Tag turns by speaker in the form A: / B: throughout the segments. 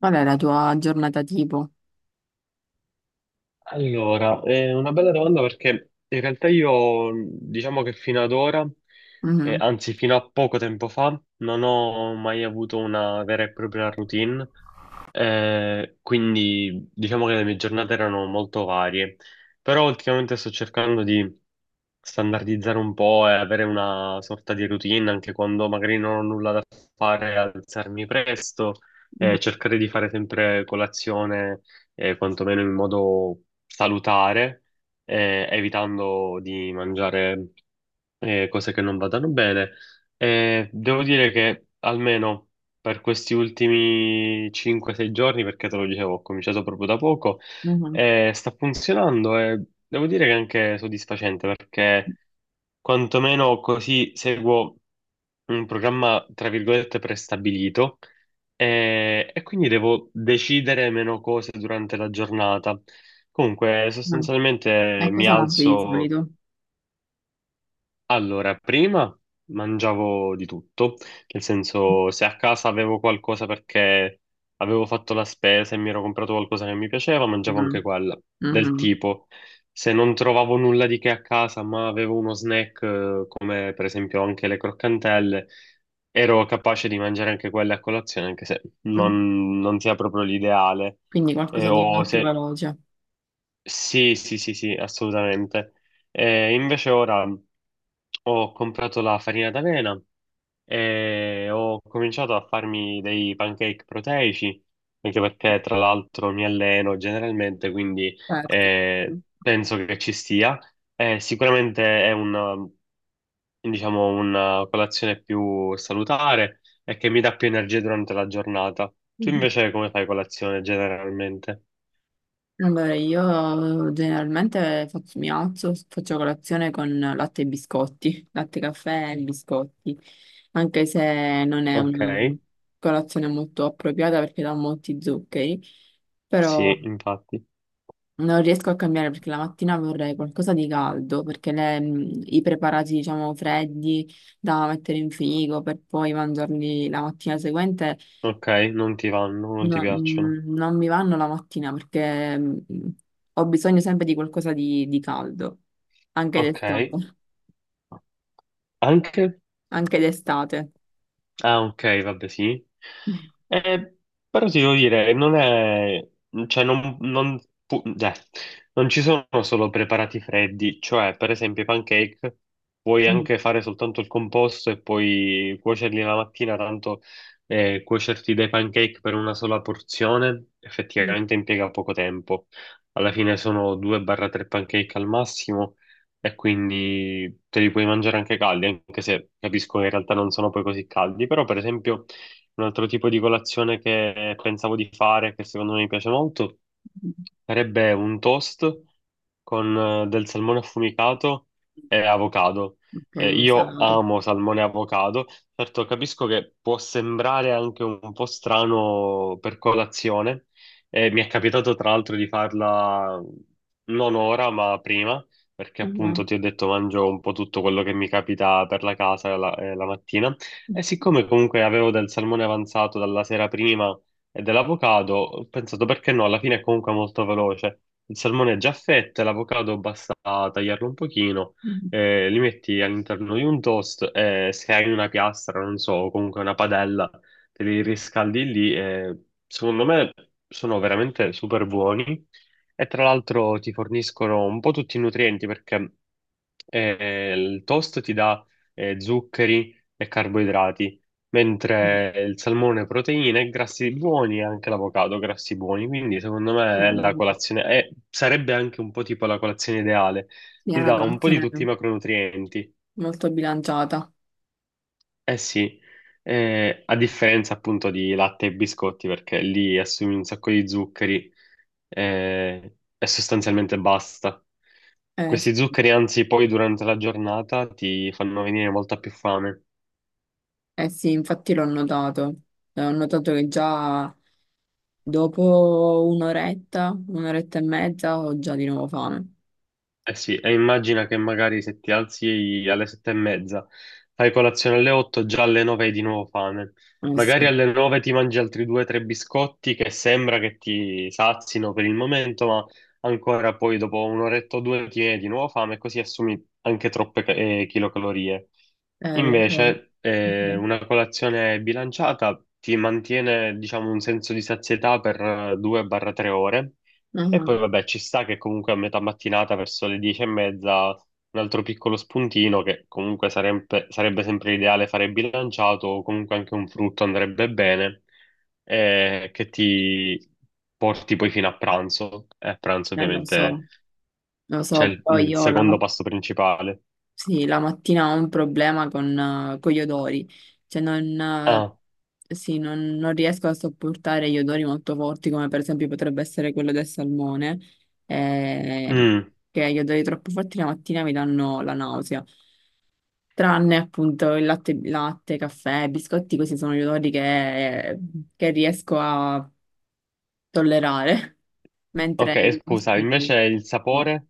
A: Qual è la tua giornata tipo?
B: Allora, è una bella domanda perché in realtà io diciamo che fino ad ora,
A: Mhm,
B: anzi fino a poco tempo fa, non ho mai avuto una vera e propria routine, quindi diciamo che le mie giornate erano molto varie, però ultimamente sto cercando di standardizzare un po' e avere una sorta di routine anche quando magari non ho nulla da fare, alzarmi presto
A: mhm,
B: e cercare di fare sempre colazione quantomeno in modo salutare, evitando di mangiare cose che non vadano bene. Devo dire che almeno per questi ultimi 5-6 giorni, perché te lo dicevo, ho cominciato proprio da poco,
A: mhm,
B: sta funzionando e devo dire che è anche soddisfacente perché quantomeno così seguo un programma, tra virgolette, prestabilito e quindi devo decidere meno cose durante la giornata. Comunque,
A: mhm.
B: sostanzialmente
A: E
B: mi
A: cosa mangi di
B: alzo.
A: solito?
B: Allora, prima mangiavo di tutto, nel senso se a casa avevo qualcosa perché avevo fatto la spesa e mi ero comprato qualcosa che mi piaceva, mangiavo anche
A: Mhm,
B: quella, del
A: mhm.
B: tipo se non trovavo nulla di che a casa ma avevo uno snack come per esempio anche le croccantelle, ero capace di mangiare anche quelle a colazione anche se non sia proprio l'ideale.
A: Quindi
B: E-
A: qualcosa di
B: o
A: molto
B: se
A: veloce.
B: Sì, sì, sì, sì, assolutamente. Invece ora ho comprato la farina d'avena e ho cominciato a farmi dei pancake proteici, anche perché tra l'altro mi alleno generalmente, quindi
A: Certo.
B: penso che ci stia. Sicuramente è una, diciamo, una colazione più salutare e che mi dà più energia durante la giornata. Tu
A: Mhm.
B: invece come fai colazione generalmente?
A: Allora, io generalmente mi alzo, faccio colazione con latte e biscotti, latte, caffè e biscotti, anche se non è
B: Ok,
A: una colazione molto appropriata perché dà molti zuccheri, però
B: sì, infatti.
A: non riesco a cambiare perché la mattina vorrei qualcosa di caldo, perché i preparati, diciamo, freddi da mettere in frigo per poi mangiarli la mattina seguente
B: Ok, non ti vanno, non ti piacciono.
A: non mi vanno la mattina perché ho bisogno sempre di qualcosa di caldo, anche
B: Ok,
A: d'estate,
B: anche?
A: anche d'estate.
B: Ah, ok, vabbè, sì. Eh, però ti devo dire, non è... cioè, pu- cioè, non ci sono solo preparati freddi, cioè, per esempio, i pancake puoi
A: Mm.
B: anche fare soltanto il composto e poi cuocerli la mattina, tanto cuocerti dei pancake per una sola porzione effettivamente impiega poco tempo. Alla fine sono 2-3 pancake al massimo e quindi te li puoi mangiare anche caldi, anche se capisco che in realtà non sono poi così caldi, però per esempio un altro tipo di colazione che pensavo di fare, che secondo me mi piace molto, sarebbe un toast con del salmone affumicato e avocado.
A: Ok, quindi
B: Io
A: salato.
B: amo salmone e avocado. Certo, capisco che può sembrare anche un po' strano per colazione. Mi è capitato tra l'altro di farla non ora, ma prima, perché
A: Sì,
B: appunto ti ho detto mangio un po' tutto quello che mi capita per la casa la mattina. E siccome comunque avevo del salmone avanzato dalla sera prima e dell'avocado ho pensato perché no, alla fine è comunque molto veloce. Il salmone è già a fette, l'avocado basta tagliarlo un pochino, li metti all'interno di un toast e se hai una piastra, non so, o comunque una padella, te li riscaldi lì e secondo me sono veramente super buoni e tra l'altro ti forniscono un po' tutti i nutrienti perché il toast ti dà zuccheri e carboidrati mentre il salmone proteine, e grassi buoni e anche l'avocado grassi buoni, quindi secondo me è la colazione, sarebbe anche un po' tipo la colazione ideale,
A: è
B: ti
A: una
B: dà un po' di
A: colazione
B: tutti i macronutrienti,
A: molto bilanciata.
B: eh sì, a differenza appunto di latte e biscotti perché lì assumi un sacco di zuccheri e sostanzialmente basta.
A: Sì.
B: Questi zuccheri, anzi, poi durante la giornata ti fanno venire molta più fame.
A: Eh sì, infatti l'ho notato. Ho notato che già dopo un'oretta, un'oretta e mezza ho già di nuovo fame.
B: Eh sì, e immagina che magari se ti alzi alle 7:30, fai colazione alle 8, già alle 9 hai di nuovo fame.
A: Eh
B: Magari
A: sì,
B: alle 9 ti mangi altri due o tre biscotti che sembra che ti sazino per il momento, ma ancora poi dopo un'oretta o due ti viene di nuovo fame e così assumi anche troppe kilocalorie.
A: lo so.
B: Invece,
A: Mhm.
B: una colazione bilanciata ti mantiene, diciamo, un senso di sazietà per 2-3 ore e
A: Mhm.
B: poi vabbè, ci sta che comunque a metà mattinata, verso le 10:30, un altro piccolo spuntino che comunque sarebbe sempre ideale fare bilanciato, o comunque anche un frutto andrebbe bene, che ti porti poi fino a pranzo. E a pranzo
A: Lo
B: ovviamente
A: so, lo
B: c'è
A: so. Poi
B: il secondo pasto principale.
A: sì, la mattina ho un problema con gli odori. Cioè non,
B: Ah,
A: sì, non, non riesco a sopportare gli odori molto forti, come per esempio potrebbe essere quello del salmone, eh,
B: mm,
A: che gli odori troppo forti la mattina mi danno la nausea. Tranne appunto il latte, latte, caffè, biscotti, questi sono gli odori che riesco a tollerare, mentre
B: ok,
A: gli
B: scusa, invece
A: altri
B: il
A: no.
B: sapore,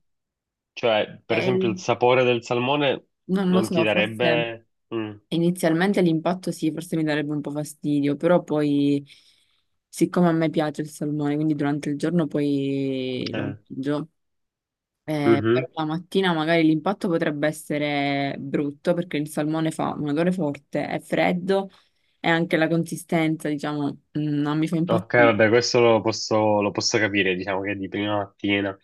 B: cioè
A: E
B: per esempio il
A: il-
B: sapore del salmone
A: non lo
B: non ti
A: so, forse
B: darebbe... mm,
A: inizialmente l'impatto sì, forse mi darebbe un po' fastidio, però poi, siccome a me piace il salmone, quindi durante il giorno poi lo
B: eh,
A: mangio.
B: mhm.
A: Per la mattina magari l'impatto potrebbe essere brutto perché il salmone fa un odore forte, è freddo e anche la consistenza, diciamo, non mi fa
B: Ok,
A: impazzire.
B: vabbè, questo lo posso capire, diciamo che è di prima mattina.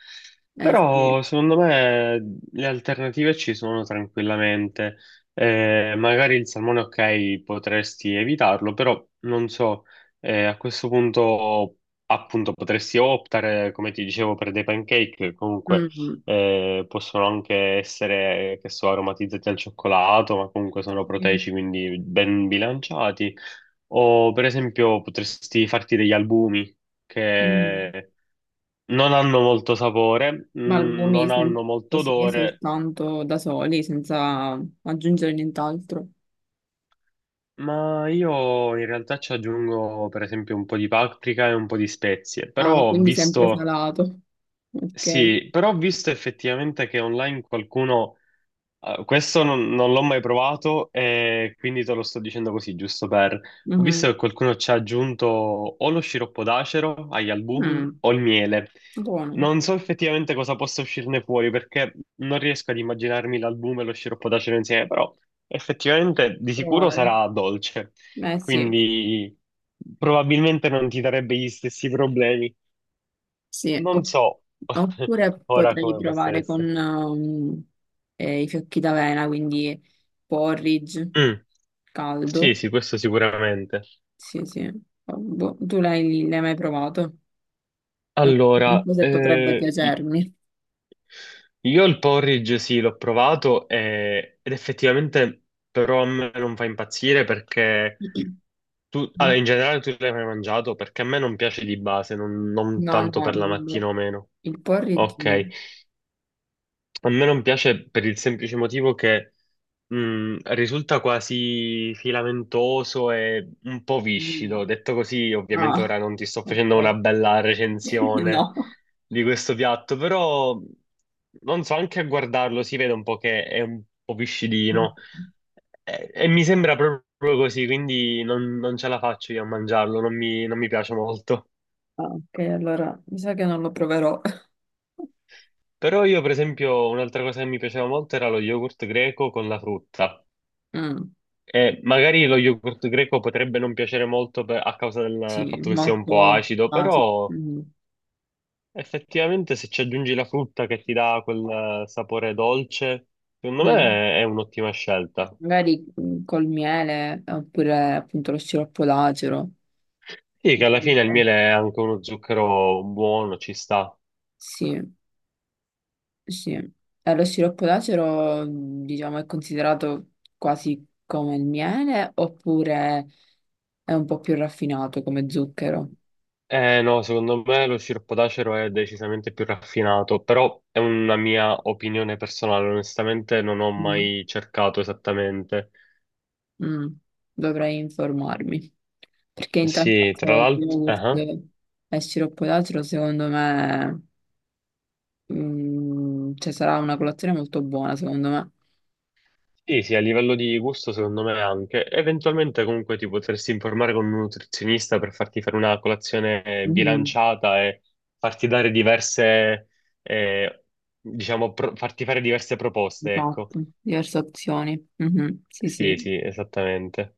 A: Eh sì.
B: Però secondo me le alternative ci sono tranquillamente. Magari il salmone, ok, potresti evitarlo, però non so, a questo punto appunto potresti optare, come ti dicevo, per dei pancake, che comunque
A: Mm.
B: possono anche essere, che so, aromatizzati al cioccolato, ma comunque sono
A: Sì.
B: proteici, quindi ben bilanciati. O per esempio potresti farti degli albumi
A: Mm.
B: che non hanno molto sapore,
A: Ma
B: non hanno molto
A: così,
B: odore,
A: soltanto da soli, senza aggiungere nient'altro.
B: ma io in realtà ci aggiungo per esempio un po' di paprika e un po' di spezie. Però
A: Ah,
B: ho
A: quindi sempre
B: visto,
A: salato. Ok.
B: sì, però ho visto effettivamente che online qualcuno... questo non l'ho mai provato e quindi te lo sto dicendo così, giusto per... Ho visto
A: Mhm.
B: che qualcuno ci ha aggiunto o lo sciroppo d'acero agli albumi
A: Mm.
B: o il miele.
A: Buono.
B: Non so effettivamente cosa possa uscirne fuori perché non riesco ad immaginarmi l'albume e lo sciroppo d'acero insieme, però effettivamente di sicuro
A: Provare.
B: sarà dolce,
A: Eh sì.
B: quindi probabilmente non ti darebbe gli stessi problemi.
A: Sì,
B: Non
A: opp-
B: so
A: oppure
B: ora
A: potrei
B: come possa
A: provare con
B: essere.
A: i fiocchi d'avena, quindi porridge
B: Mm, sì,
A: caldo.
B: sì, questo sicuramente.
A: Sì, sì. Oh, boh, tu l'hai mai provato? Non
B: Allora,
A: so se potrebbe piacermi.
B: io il porridge sì, l'ho provato ed effettivamente però a me non fa impazzire perché tu, allora, in generale tu l'hai mai mangiato perché a me non piace di base, non
A: No,
B: tanto
A: no,
B: per la mattina o meno.
A: il porridge no.
B: Ok, a me non piace per il semplice motivo che mm, risulta quasi filamentoso e un po'
A: Mm.
B: viscido. Detto così, ovviamente
A: Ah,
B: ora non ti sto facendo una
A: ok.
B: bella recensione
A: No.
B: di questo piatto, però non so, anche a guardarlo si vede un po' che è un po'
A: Mm.
B: viscidino e mi sembra proprio così, quindi non ce la faccio io a mangiarlo, non mi piace molto.
A: Ah, ok, allora mi sa che non lo proverò.
B: Però io, per esempio, un'altra cosa che mi piaceva molto era lo yogurt greco con la frutta.
A: Mm,
B: Magari lo yogurt greco potrebbe non piacere molto a causa del
A: sì,
B: fatto che sia un po'
A: molto...
B: acido,
A: ah, sì,
B: però
A: mm.
B: effettivamente se ci aggiungi la frutta che ti dà quel sapore dolce, secondo
A: Mm.
B: me è un'ottima scelta.
A: Magari mm, col miele oppure appunto lo sciroppo d'acero.
B: Sì, che alla fine
A: Comunque,
B: il miele è anche uno zucchero buono, ci sta.
A: sì, sì. Lo sciroppo d'acero, mm, diciamo, è considerato quasi come il miele oppure è un po' più raffinato come zucchero.
B: Eh no, secondo me lo sciroppo d'acero è decisamente più raffinato, però è una mia opinione personale, onestamente non ho
A: Mm.
B: mai cercato esattamente.
A: Mm. Dovrei informarmi. Perché in tal
B: Sì, tra
A: caso
B: l'altro...
A: yogurt e sciroppo d'acero, secondo me, mm, cioè, sarà una colazione molto buona, secondo me.
B: Sì, sì, a livello di gusto secondo me anche. Eventualmente comunque ti potresti informare con un nutrizionista per farti fare una colazione
A: Mm.
B: bilanciata e farti dare diverse, eh, diciamo, farti fare diverse proposte, ecco.
A: Esatto, diverse opzioni. Mhm, sì,
B: Sì,
A: sì.
B: sì, esattamente.